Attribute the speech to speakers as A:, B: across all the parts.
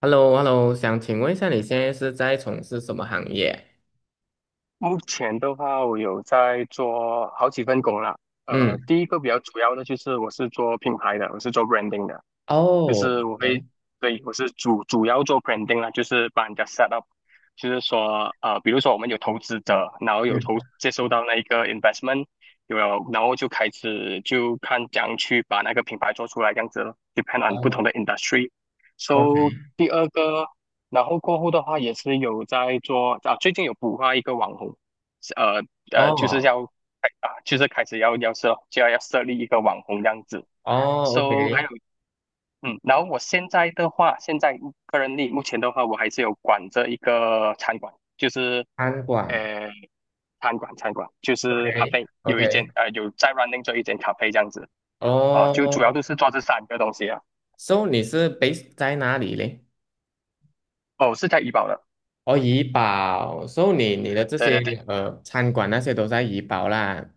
A: h e l l o h e l l o 想请问一下，你现在是在从事什么行业？
B: 目前的话，我有在做好几份工啦。
A: 嗯，
B: 第一个比较主要的就是我是做品牌的，我是做 branding 的。就
A: 哦，
B: 是我会，
A: 哎，
B: 对，我是主要做 branding 啦，就是帮人家 set up，就是说，比如说我们有投资者，然后有
A: 嗯，
B: 接收到那一个 investment，有了，然后就开始就看怎样去把那个品牌做出来，这样子咯，depend on 不同
A: 哦
B: 的 industry。So
A: ，OK，
B: 第二个，然后过后的话也是有在做啊，最近有孵化一个网红，呃就是
A: 哦，
B: 要啊，就是开始要设立一个网红这样子。
A: 哦
B: So 还有
A: ，OK，
B: 然后我现在的话，现在个人力目前的话，我还是有管着一个餐馆，就是
A: 餐馆
B: 呃，餐馆就是咖啡，有一间
A: ，OK，OK，
B: 有在 running 做一间咖啡这样子啊，就主要
A: 哦
B: 都是做这三个东西啊。
A: ，So 你是 base 在哪里嘞？
B: 哦，是在怡保的，
A: 哦，怡保，So 你的这
B: 对对对，
A: 些餐馆那些都在怡保啦。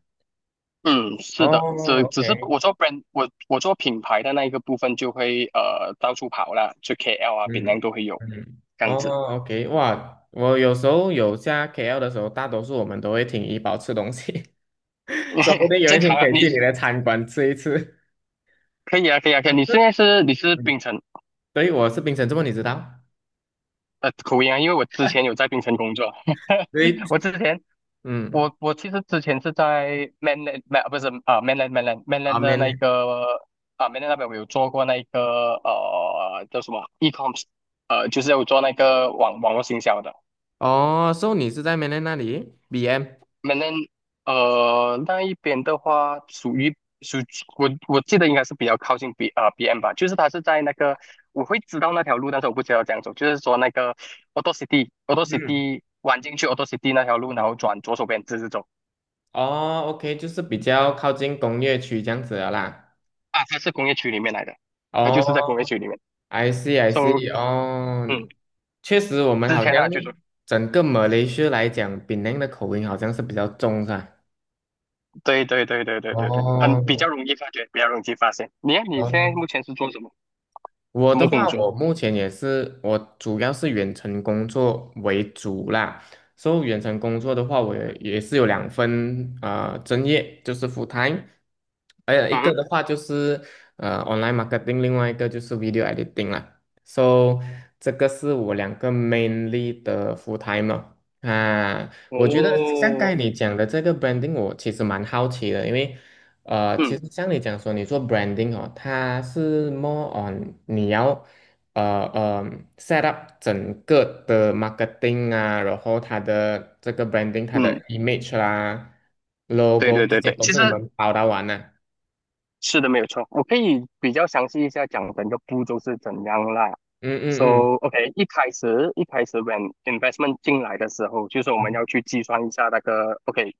B: 嗯，
A: 哦
B: 是的，只是
A: ，OK，
B: 我做 brand，我做品牌的那一个部分就会到处跑啦，就 KL 啊、槟
A: 嗯
B: 榔都会有
A: 嗯，
B: 这样
A: 哦
B: 子。
A: ，OK，哇，我有时候有下 KL 的时候，大多数我们都会停怡保吃东西。说不定 有一
B: 正
A: 天
B: 常
A: 可
B: 啊，
A: 以
B: 你
A: 去你的餐馆吃一次。
B: 可以啊，可以啊，可
A: 但
B: 以，你现
A: 是，
B: 在是你是
A: 嗯，
B: 槟城。
A: 对，我是槟城，这么你知道？
B: 口音啊，因为我之前有在槟城工作，
A: 对，
B: 我之前
A: 嗯，
B: 我其实之前是在 mainland， 没不是啊， mainland
A: 啊，
B: 的
A: 缅
B: 那
A: 甸，
B: 个啊， mainland 那边我有做过那个叫什么 e-coms，就是有做那个网络行销的。
A: 哦，所以你是在缅甸那里？BM，
B: m a 那一边的话，属于属我记得应该是比较靠近 BM 吧，就是它是在那个，我会知道那条路，但是我不知道怎样走，就是说那个 Auto City Auto
A: 嗯，
B: City 弯进去 Auto City 那条路，然后转左手边直直走
A: 哦，OK，就是比较靠近工业区这样子的啦。
B: 啊，它是工业区里面来的，它就是在工业
A: 哦
B: 区里面
A: ，I see I
B: ，So
A: see，哦，
B: 嗯，
A: 确实，我们
B: 之
A: 好
B: 前
A: 像
B: 呢就是
A: 整个马来西亚来讲，槟城的口音好像是比较重，是吧？
B: 对对对对对对对，很比
A: 哦，
B: 较容易发觉，比较容易发现。你看你现在
A: 哦。
B: 目前是做什么
A: 我的话，
B: 工作？
A: 我目前也是，我主要是远程工作为主啦。所以远程工作的话，我也是有两份啊，专业，就是 full time，还有一个
B: 嗯，
A: 的话就是online marketing，另外一个就是 video editing 啦。So 这个是我两个 mainly 的 full time 哦啊。我觉得像刚
B: 哦，
A: 才你讲的这个 branding，我其实蛮好奇的，因为其
B: 嗯
A: 实像你讲说，你做 branding 哦，它是 more on 你要呃呃 set up 整个的 marketing 啊，然后它的这个 branding 它的
B: 嗯。
A: image 啦、
B: 对对
A: logo 这
B: 对
A: 些
B: 对，
A: 都
B: 其
A: 是
B: 实
A: 你们包到完的、
B: 是的，没有错。我可以比较详细一下讲整个步骤是怎样啦。
A: 嗯
B: So
A: 嗯嗯
B: OK，一开始，when investment 进来的时候，就是我们
A: 嗯
B: 要去计算一下那个 OK。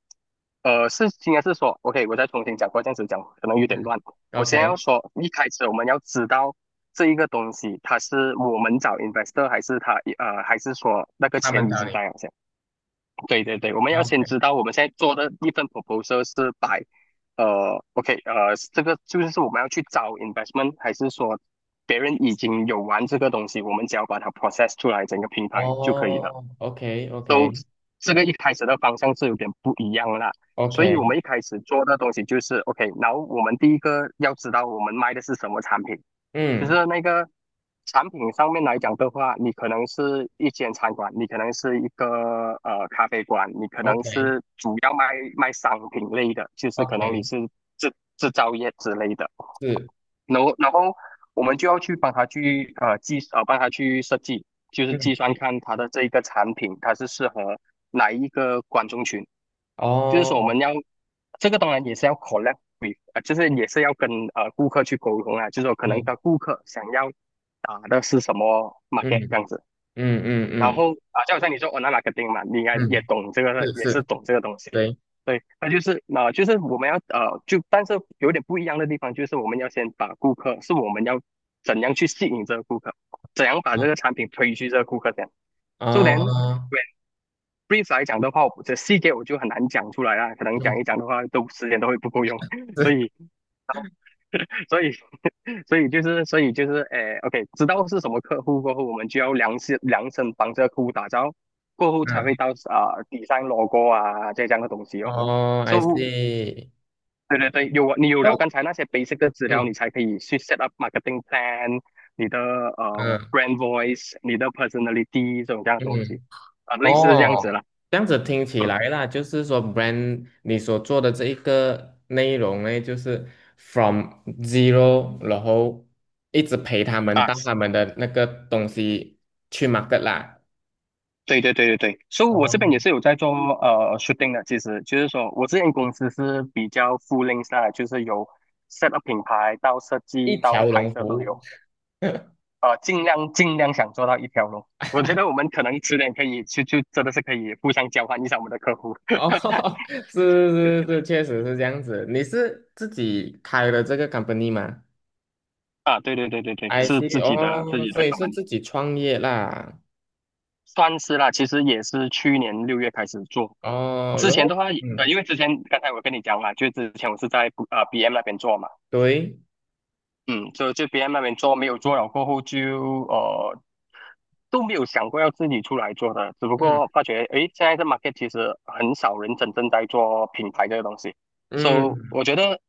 B: 是应该是说 OK，我再重新讲过，这样子讲可能有点乱。
A: 嗯
B: 我先要
A: ，OK，
B: 说，一开始我们要知道这一个东西，它是我们找 investor 还是还是说那个
A: 他们
B: 钱已
A: 找
B: 经
A: 你
B: 在了，对对对，我们要先
A: ，OK，
B: 知道我们现在做的一份 proposal 是摆，OK，这个就是我们要去找 investment，还是说别人已经有玩这个东西，我们只要把它 process 出来整个平台就可以了。
A: 哦，OK
B: 都
A: OK
B: 这个一开始的方向是有点不一样啦。所以我们
A: OK，
B: 一开始做的东西就是 OK，然后我们第一个要知道我们卖的是什么产品，就
A: 嗯
B: 是那个产品上面来讲的话，你可能是一间餐馆，你可能是一个咖啡馆，你可
A: ，OK
B: 能是主要卖商品类的，就是可能你
A: OK，
B: 是制造业之类的。
A: 是，
B: 然后我们就要去帮他去设计，就是
A: 嗯，
B: 计算看他的这一个产品它是适合哪一个观众群，就是说我们
A: 哦，
B: 要这个当然也是要 collab with， 就是也是要跟顾客去沟通啊，就是说可能
A: 对，
B: 的顾客想要打的是什么 market
A: 嗯
B: 这样子。
A: 嗯嗯
B: 然
A: 嗯
B: 后啊，就好像你说 o n l i n 嘛，你应该也
A: 嗯。
B: 懂这个，
A: 是
B: 也是
A: 是，
B: 懂这个东西。
A: 对
B: 对，那就是啊，就是我们要，就但是有点不一样的地方，就是我们要先把顾客，是我们要怎样去吸引这个顾客，怎样把
A: 啊
B: 这个产品推去这个顾客这样。So then,
A: 哦，
B: when brief 来讲的话，我这细节我就很难讲出来啦，可能讲
A: 嗯
B: 一讲的话，都时间都会不够用，所
A: 是
B: 以 所以，所以就是，诶，OK，知道是什么客户过后，我们就要量身量身帮这个客户打造，过后才会
A: 嗯
B: 到啊、底上 logo 啊这样的东西哦。
A: 哦，I
B: So，
A: see，
B: 对对对，你有了
A: 都
B: 刚才那些 basic 的资料，你
A: 嗯
B: 才可以去 set up marketing plan，你的
A: 嗯
B: brand voice，你的 personality 这种这样的东西
A: 嗯
B: 啊、类似这样子了。
A: 哦，这样子听起
B: 嗯
A: 来啦，就是说 brand 你所做的这一个内容呢，就是 from zero，然后一直陪他们
B: 啊，
A: 到他们的那个东西去 market 啦，
B: 对对对对对，所以我这边也
A: 哦，
B: 是有在做shooting 的，其实就是说我之前公司是比较 full i n g t h 的，就是由 set up 品牌到设计
A: 一
B: 到
A: 条
B: 拍
A: 龙服
B: 摄都
A: 务，
B: 有，尽量尽量想做到一条龙。我觉得我们可能迟点可以去就真的是可以互相交换一下我们的客户
A: 哦，是是是，确实是这样子。你是自己开了这个 company 吗
B: 啊，对对对对对，
A: ？I
B: 是
A: C see，
B: 自己的自
A: 哦，
B: 己
A: 所
B: 的
A: 以是
B: company，
A: 自己创业啦。
B: 算是啦，其实也是去年六月开始做，
A: 哦，
B: 之
A: 然
B: 前的
A: 后，
B: 话，
A: 嗯，
B: 因为之前刚才我跟你讲了，就之前我是在BM 那边做嘛。
A: 对，
B: 嗯，就别人那边做没有做了过后就都没有想过要自己出来做的，只不
A: 嗯
B: 过发觉诶，现在这 market 其实很少人真正在做品牌这个东西，so
A: 嗯，
B: 我觉得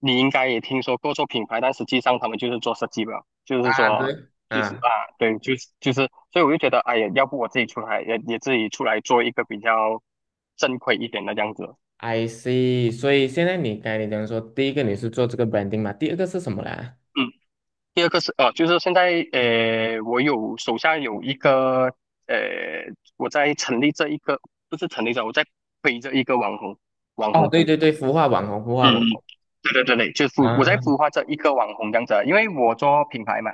B: 你应该也听说过做品牌，但实际上他们就是做设计吧，就是
A: 啊，
B: 说
A: 对
B: 就是
A: 啊
B: 啊，对，就是，所以我就觉得哎呀，要不我自己出来也自己出来做一个比较正规一点的这样子。
A: ，I see。所以现在你该才你讲说，第一个你是做这个 branding 嘛，第二个是什么啦？
B: 嗯。第二个是，就是现在，我有手下有一个呃，我在成立这一个，不是成立这，我在推这一个网红，网
A: 哦，
B: 红，
A: 对对对，孵化网红，孵化
B: 嗯，嗯，
A: 网红
B: 对对对对，就是我在
A: 啊，
B: 孵化这一个网红这样子啊，因为我做品牌嘛，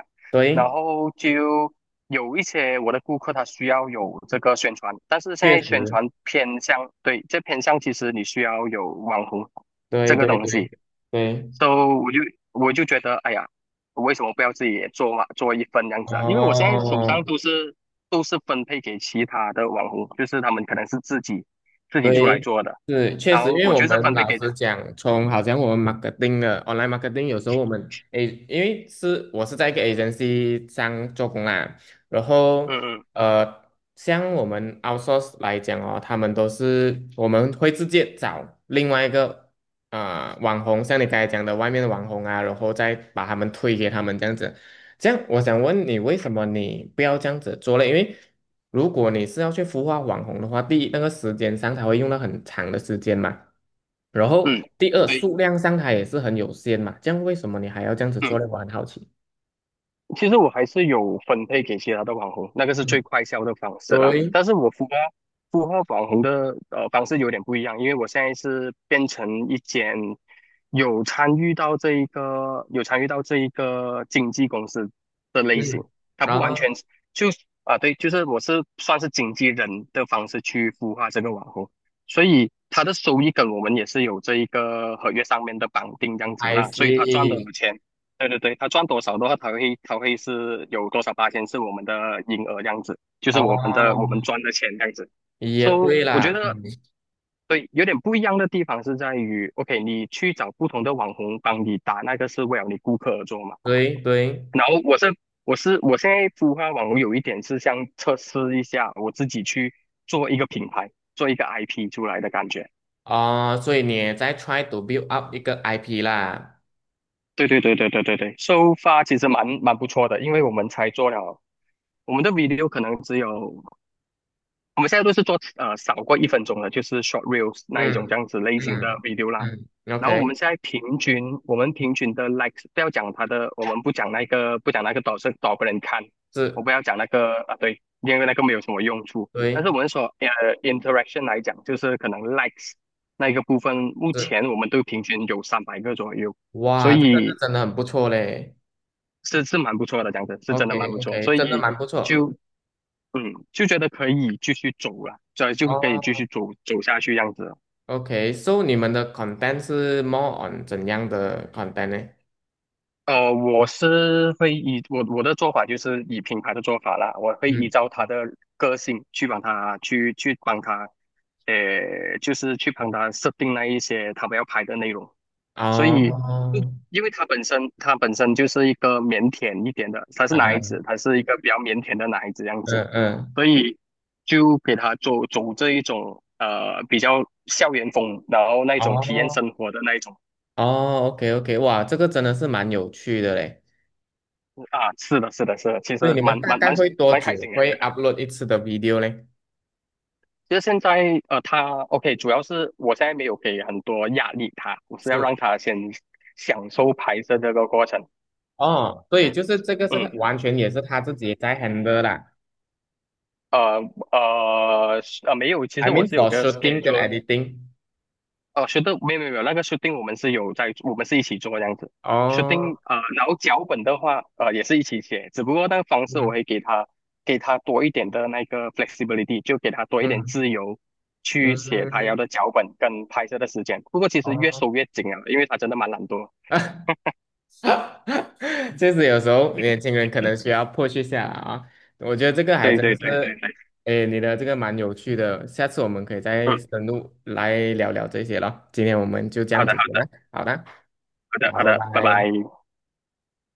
B: 然
A: 对，
B: 后就有一些我的顾客他需要有这个宣传，但是现
A: 确
B: 在宣
A: 实，
B: 传偏向，对，这偏向其实你需要有网红
A: 对
B: 这个
A: 对
B: 东
A: 对
B: 西，
A: 对，
B: so 我就我就觉得，哎呀，为什么不要自己也做嘛，做一份这样子啊？因为我现在手
A: 哦。
B: 上都是分配给其他的网红，就是他们可能是自己出来
A: 对，
B: 做的，
A: 是确
B: 然
A: 实，
B: 后
A: 因为
B: 我
A: 我
B: 就是
A: 们
B: 分配
A: 老
B: 给的，
A: 实讲，从好像我们 marketing 的 online marketing，有时候我们诶，因为是我是在一个 agency 上做工啦，然后
B: 嗯嗯
A: 呃，像我们 outsource 来讲哦，他们都是我们会直接找另外一个啊、网红，像你刚才讲的外面的网红啊，然后再把他们推给他们这样子。这样，我想问你，为什么你不要这样子做嘞？因为如果你是要去孵化网红的话，第一，那个时间上它会用到很长的时间嘛，然后
B: 嗯，
A: 第二，
B: 对，
A: 数量上它也是很有限嘛。这样为什么你还要这样子做
B: 嗯
A: 嘞？我很好奇。
B: 其实我还是有分配给其他的网红，那个是
A: 嗯，
B: 最快销的方式啦。
A: 对，
B: 但是我孵化网红的方式有点不一样，因为我现在是变成一间有参与到这一个经纪公司的类
A: 嗯，
B: 型，它不
A: 然
B: 完全
A: 后
B: 是就对，就是我是算是经纪人的方式去孵化这个网红，所以它的收益跟我们也是有这一个合约上面的绑定这样子
A: I
B: 啦，所以他赚的
A: see，
B: 钱。对对对，他赚多少的话，他会是有多少八千是我们的营额这样子，就是我们的我
A: 哦，
B: 们赚的钱这样子。
A: 也
B: So
A: 对
B: 我觉
A: 啦，
B: 得
A: 嗯
B: 对，有点不一样的地方是在于，OK,你去找不同的网红帮你打那个是为了你顾客而做嘛。
A: 对对，
B: 然后我现在孵化网红有一点是像测试一下我自己去做一个品牌，做一个 IP 出来的感觉。
A: 哦，所以你也在 try to build up 一个 IP 啦。
B: 对对对对对对对，收发其实蛮不错的，因为我们才做了，我们的 video 可能只有我们现在都是做少过一分钟的，就是 short reels 那一种这
A: 嗯
B: 样子类型的
A: 嗯
B: video 啦。
A: 嗯
B: 然后我
A: ，OK，
B: 们现在平均，我们平均的 likes 不要讲它的，我们不讲那个多少多少个人看，我不
A: 是，
B: 要讲那个啊，对，因为那个没有什么用处。但是
A: 对。
B: 我们说interaction 来讲，就是可能 likes 那一个部分，目
A: 是，
B: 前我们都平均有三百个左右，所
A: 哇，这个是
B: 以
A: 真的很不错嘞。
B: 是蛮不错的，讲的是真
A: OK
B: 的蛮不错，
A: OK，
B: 所
A: 真的蛮
B: 以。
A: 不错。
B: 就嗯，就觉得可以继续走了，这就可以继
A: 哦
B: 续走下去样子。
A: ，OK，so 你们的 content 是 more on 怎样的 content 呢？
B: 我是会以我的做法就是以品牌的做法啦，我会依
A: 嗯，
B: 照他的个性去帮他，就是去帮他设定那一些他们要拍的内容。所以，嗯
A: 哦，
B: 因为他本身就是一个腼腆一点的，他是
A: 啊，
B: 男孩子，他是一个比较腼腆的男孩子样
A: 嗯
B: 子。
A: 嗯，
B: 所以就给他走这一种比较校园风，然后那种体验
A: 哦
B: 生活的那一种
A: 哦，OK OK，哇，这个真的是蛮有趣的嘞。
B: 啊，是的，是的，是的，其实
A: 所以你们大概会多
B: 蛮开
A: 久
B: 心的。
A: 会 upload 一次的 video 嘞？
B: 其实现在他 OK,主要是我现在没有给很多压力他，我是要
A: 是，
B: 让他先享受拍摄这个过程。
A: 哦，所以就是这个是
B: 嗯，
A: 完全也是他自己在 handle 啦。
B: 呃没有，其
A: I
B: 实我
A: mean
B: 是有
A: for
B: 个
A: shooting 跟
B: schedule,
A: editing。
B: 是的，没有没有没有那个 shooting 我们是有在，我们是一起做这样子。Shooting
A: 哦，
B: 然后脚本的话，也是一起写，只不过那个方式我
A: 嗯
B: 会给他多一点的那个 flexibility,就给他多一点
A: 嗯。
B: 自由去写他要
A: 嗯，
B: 的脚本跟拍摄的时间。不过其实越
A: 哦，
B: 收越紧啊，因为他真的蛮懒惰。
A: 确实有时候年轻人可能需要 p u 下来啊。我觉得这个还
B: 对
A: 真的
B: 对对
A: 是，
B: 对，
A: 哎，你的这个蛮有趣的，下次我们可以再
B: 嗯，
A: 深入来聊聊这些了。今天我们就这
B: 好
A: 样
B: 的好
A: 子先
B: 的
A: 了，好的，
B: 好的好
A: 好，拜
B: 的，拜
A: 拜。
B: 拜。